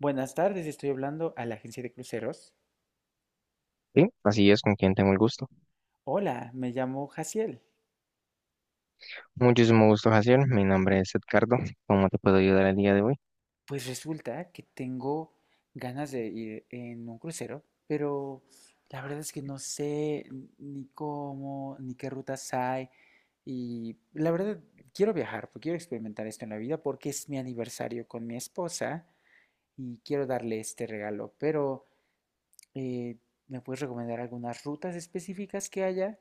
Buenas tardes, estoy hablando a la agencia de cruceros. Sí, así es. ¿Con quien tengo el gusto? Hola, me llamo Jaciel. Muchísimo gusto, Jaciel. Mi nombre es Edgardo. ¿Cómo te puedo ayudar el día de hoy? Pues resulta que tengo ganas de ir en un crucero, pero la verdad es que no sé ni cómo, ni qué rutas hay. Y la verdad, quiero viajar, porque quiero experimentar esto en la vida, porque es mi aniversario con mi esposa y quiero darle este regalo, pero Eh, ¿me puedes recomendar algunas rutas específicas que haya?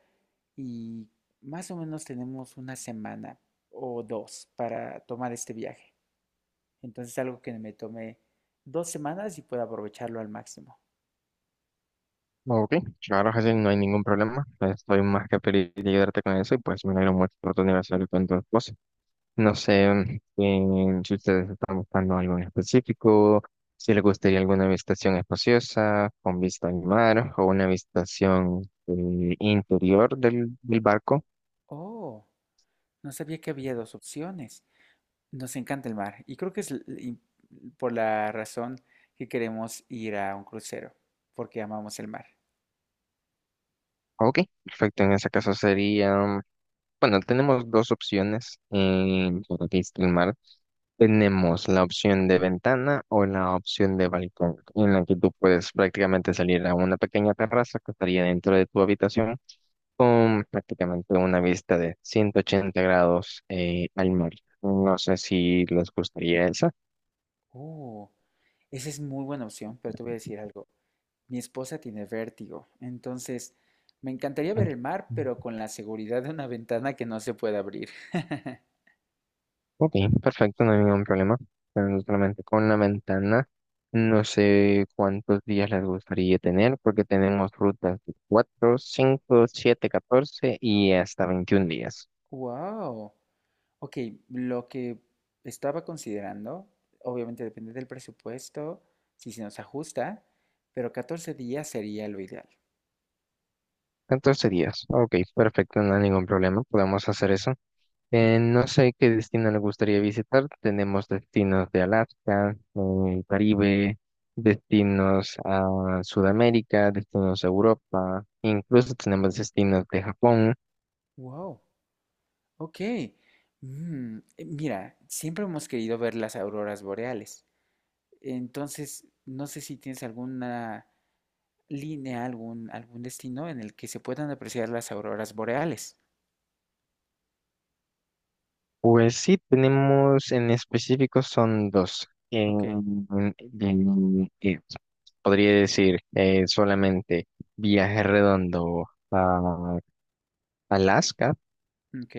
Y más o menos tenemos una semana o dos para tomar este viaje. Entonces algo que me tome 2 semanas y pueda aprovecharlo al máximo. Ok, claro, Jaciel, no hay ningún problema. Pues estoy más que feliz de ayudarte con eso y pues me alegro mucho por tu aniversario con tu esposa. No sé, si ustedes están buscando algo en específico, si les gustaría alguna habitación espaciosa, con vista al mar, o una habitación interior del barco. Oh, no sabía que había dos opciones. Nos encanta el mar y creo que es y por la razón que queremos ir a un crucero, porque amamos el mar. Ok, perfecto. En ese caso sería, bueno, tenemos dos opciones para streamar. Tenemos la opción de ventana o la opción de balcón, en la que tú puedes prácticamente salir a una pequeña terraza que estaría dentro de tu habitación, con prácticamente una vista de 180 grados al mar. No sé si les gustaría esa. Oh, esa es muy buena opción, pero te voy a decir algo. Mi esposa tiene vértigo, entonces me encantaría ver el mar, pero con la seguridad de una ventana que no se puede abrir. Ok, perfecto, no hay ningún problema. Pero solamente con la ventana, no sé cuántos días les gustaría tener, porque tenemos rutas de 4, 5, 7, 14 y hasta 21 días. Wow. Ok, lo que estaba considerando, obviamente depende del presupuesto, si se nos ajusta, pero 14 días sería lo ideal. ¿14 días? Ok, perfecto, no hay ningún problema, podemos hacer eso. Mm. No sé qué destino les gustaría visitar. Tenemos destinos de Alaska, Caribe, destinos a Sudamérica, destinos a Europa, incluso tenemos destinos de Japón. Wow. Ok. Mm, mira, siempre hemos querido ver las auroras boreales. Entonces, no sé si tienes alguna línea, algún, algún destino en el que se puedan apreciar las auroras boreales. Pues sí, tenemos en específico son dos. Ok, en- eh, Podría decir solamente viaje redondo a Alaska.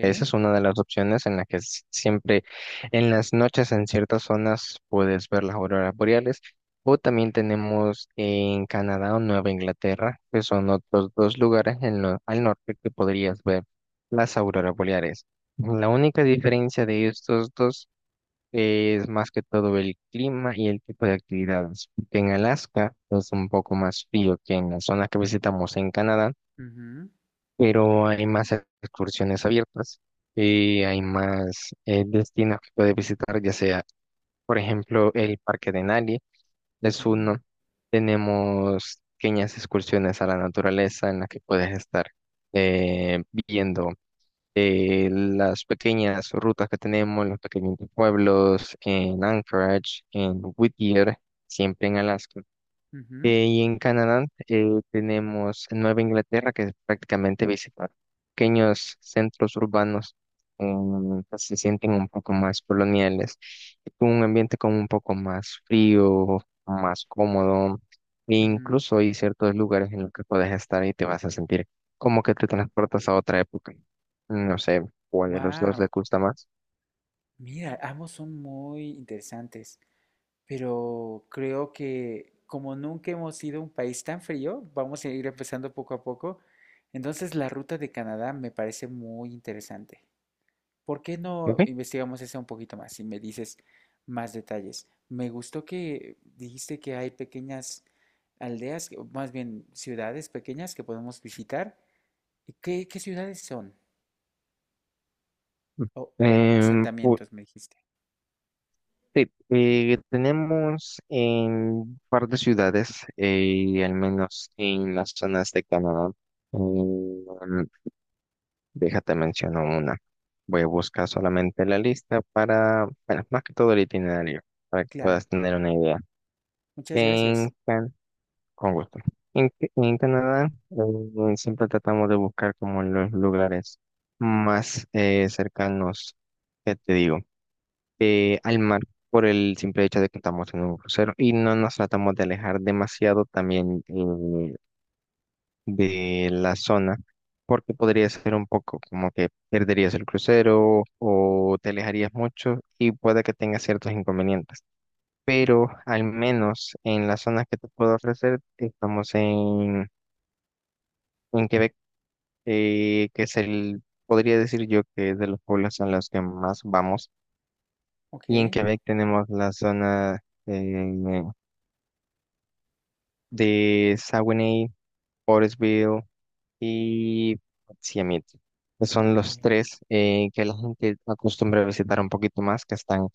Esa es una de las opciones en la que siempre en las noches en ciertas zonas puedes ver las auroras boreales. O también tenemos en Canadá o Nueva Inglaterra, que son otros dos lugares al norte que podrías ver las auroras boreales. La única diferencia de estos dos es más que todo el clima y el tipo de actividades, porque en Alaska es un poco más frío que en la zona que visitamos en Canadá, Ujú, pero hay más excursiones abiertas y hay más destinos que puedes visitar, ya sea, por ejemplo, el Parque de Denali, es mm, uno. Tenemos pequeñas excursiones a la naturaleza en las que puedes estar viendo las pequeñas rutas que tenemos, los pequeños pueblos en Anchorage, en Whittier, siempre en Alaska. ujú, Y en Canadá tenemos Nueva Inglaterra, que es prácticamente visitar pequeños centros urbanos que se sienten un poco más coloniales, y con un ambiente como un poco más frío, más cómodo, e mm. incluso hay ciertos lugares en los que puedes estar y te vas a sentir como que te transportas a otra época. No sé cuál de los dos le Wow, gusta más. mira, ambos son muy interesantes, pero creo que como nunca hemos sido un país tan frío, vamos a ir empezando poco a poco. Entonces, la ruta de Canadá me parece muy interesante. ¿Por qué Ok. no investigamos eso un poquito más y me dices más detalles? Me gustó que dijiste que hay pequeñas aldeas, o más bien ciudades pequeñas que podemos visitar. ¿Y qué ciudades son? O Em, pu- asentamientos, me dijiste. Sí, tenemos en un par de ciudades, al menos en las zonas de Canadá. Mm, déjate menciono una. Voy a buscar solamente la lista para, bueno, más que todo el itinerario, para que Claro, puedas tener una idea. muchas En gracias. Can- con gusto. En Canadá, siempre tratamos de buscar como los lugares más cercanos, que te digo? Al mar, por el simple hecho de que estamos en un crucero y no nos tratamos de alejar demasiado también de la zona, porque podría ser un poco como que perderías el crucero o te alejarías mucho y puede que tengas ciertos inconvenientes. Mm. Pero al menos en las zonas que te puedo ofrecer, estamos en Quebec, que es el, podría decir yo que es de los pueblos a los que más vamos. Ok, Y en Quebec tenemos la zona, eh, de Saguenay, Forestville y Siamit. Que Son ok, los tres que la gente acostumbra a visitar un poquito más, que están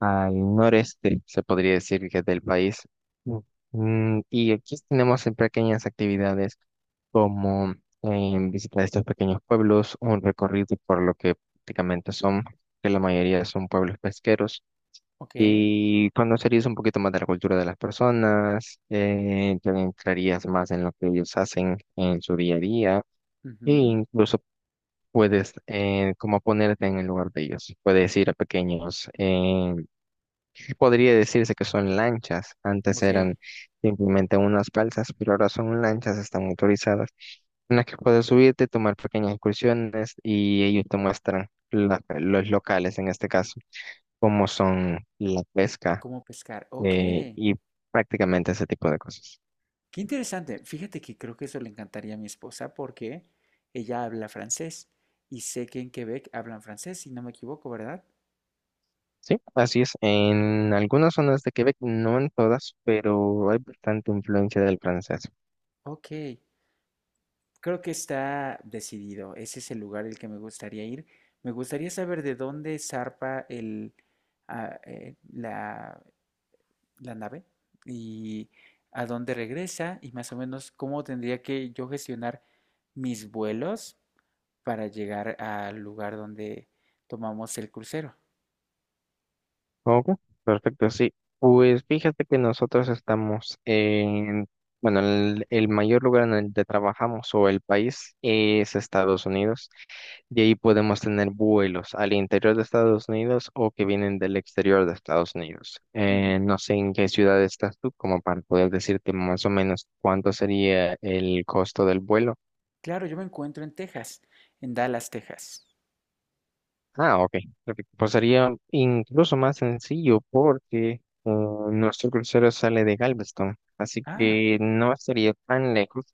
al noreste, se podría decir, que del país. Mm. Mm, y aquí tenemos en pequeñas actividades como visitar estos pequeños pueblos, un recorrido por lo que prácticamente son, que la mayoría son pueblos pesqueros, ok. y conocerías un poquito más de la cultura de las personas. Te entrarías más en lo que ellos hacen en su día a día, e Ujú. incluso puedes como ponerte en el lugar de ellos. Puedes ir a pequeños, que podría decirse que son lanchas. Antes Ok, eran simplemente unas balsas, pero ahora son lanchas, están motorizadas, en las que puedes subirte, tomar pequeñas excursiones y ellos te muestran los locales, en este caso, cómo son la pesca ¿cómo pescar? Ok. Y prácticamente ese tipo de cosas. Qué interesante. Fíjate que creo que eso le encantaría a mi esposa porque ella habla francés y sé que en Quebec hablan francés, si no me equivoco, ¿verdad? Sí, así es. En algunas zonas de Quebec, no en todas, pero hay bastante influencia del francés. Ok, creo que está decidido. Ese es el lugar al que me gustaría ir. Me gustaría saber de dónde zarpa el, ah, eh, la, la nave y a dónde regresa y más o menos cómo tendría que yo gestionar mis vuelos para llegar al lugar donde tomamos el crucero. Ok, perfecto, sí. Pues fíjate que nosotros estamos en, bueno, el mayor lugar en el que trabajamos, o el país, es Estados Unidos. Y ahí podemos tener vuelos al interior de Estados Unidos o que vienen del exterior de Estados Unidos. Ujú. No sé en qué ciudad estás tú, como para poder decirte más o menos cuánto sería el costo del vuelo. Claro, yo me encuentro en Texas, en Dallas, Texas. Ah, ok, perfecto. Pues sería incluso más sencillo porque nuestro crucero sale de Galveston, así Ah, que no estaría tan lejos.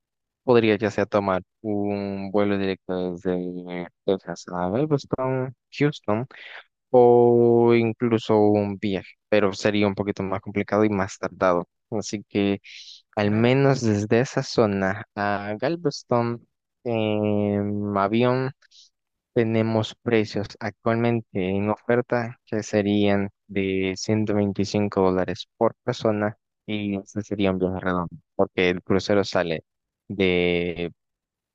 Podría ya sea tomar un vuelo directo desde Texas a Galveston, Houston, o incluso un viaje, pero sería un poquito más complicado y más tardado. Así que al claro. menos desde esa zona a Galveston en avión tenemos precios actualmente en oferta que serían de $125 por persona, y ese sería un viaje redondo porque el crucero sale de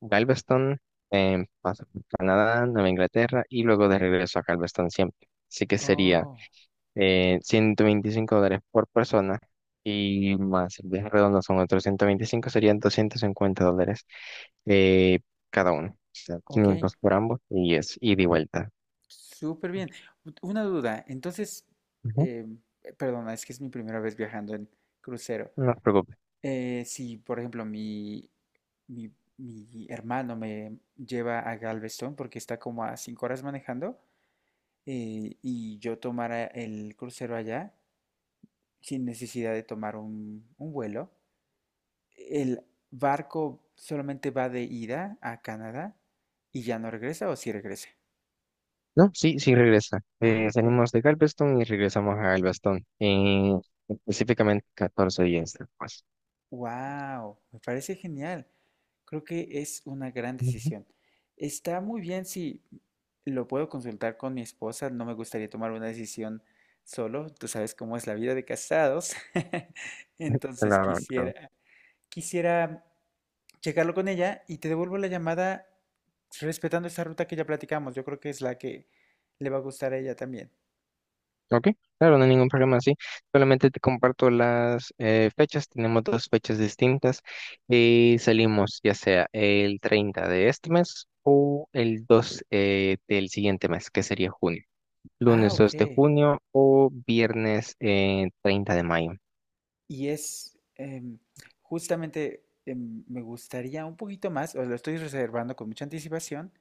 Galveston, pasa por Canadá, Nueva Inglaterra y luego de regreso a Galveston siempre. Así que sería Oh, 125 dólares por persona, y más el viaje redondo son otros ciento veinticinco, serían 250 dólares eh, cada uno. O sea, ok. 500 por ambos, y es ida y vuelta. Súper bien. Una duda. Entonces, Ujú. eh, perdona, es que es mi primera vez viajando en crucero. No te preocupes. Si, por ejemplo, mi, mi hermano me lleva a Galveston porque está como a 5 horas manejando y yo tomara el crucero allá sin necesidad de tomar un vuelo, ¿el barco solamente va de ida a Canadá y ya no regresa o sí regresa? No, sí, sí regresa. Ah, ok. Salimos de Galveston y regresamos a Galveston, específicamente 14 días después. Wow, me parece genial. Creo que es una gran Ujú. decisión. Está muy bien si lo puedo consultar con mi esposa. No me gustaría tomar una decisión solo. Tú sabes cómo es la vida de casados. Entonces Claro, claro. quisiera. quisiera checarlo con ella y te devuelvo la llamada respetando esa ruta que ya platicamos. Yo creo que es la que le va a gustar a ella también. Ok, claro, no hay ningún problema, sí. Solamente te comparto las fechas. Tenemos dos fechas distintas y salimos ya sea el 30 de este mes o el 2 del siguiente mes, que sería junio. Ah, Lunes ok. 2 de junio o viernes 30 de mayo. Y es justamente me gustaría un poquito más, o lo estoy reservando con mucha anticipación,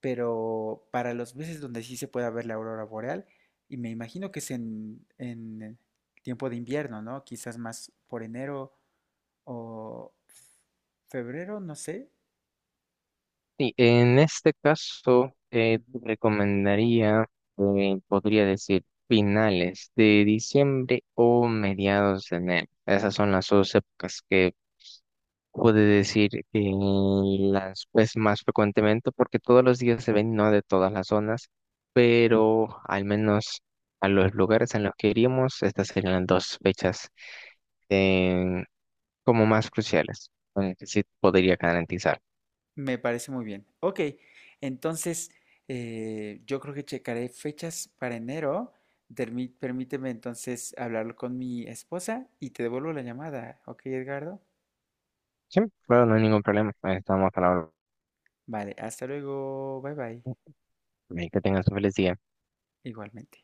pero para los meses donde sí se pueda ver la aurora boreal, y me imagino que es en tiempo de invierno, ¿no? Quizás más por enero o febrero, no sé. Sí, en este caso, te recomendaría, podría decir, finales de diciembre o mediados de enero. Esas son las dos épocas que puede decir que las pues más frecuentemente, porque todos los días se ven, no de todas las zonas, pero al menos a los lugares en los que iríamos, estas serían las dos fechas eh, como más cruciales, con las que sí podría garantizar. Me parece muy bien. Ok, entonces yo creo que checaré fechas para enero. Permíteme entonces hablarlo con mi esposa y te devuelvo la llamada. Ok, Edgardo. Sí, claro, no hay ningún problema. Ahí estamos a la hora. Vale, hasta luego. Bye bye. Que tengas un feliz día. Igualmente.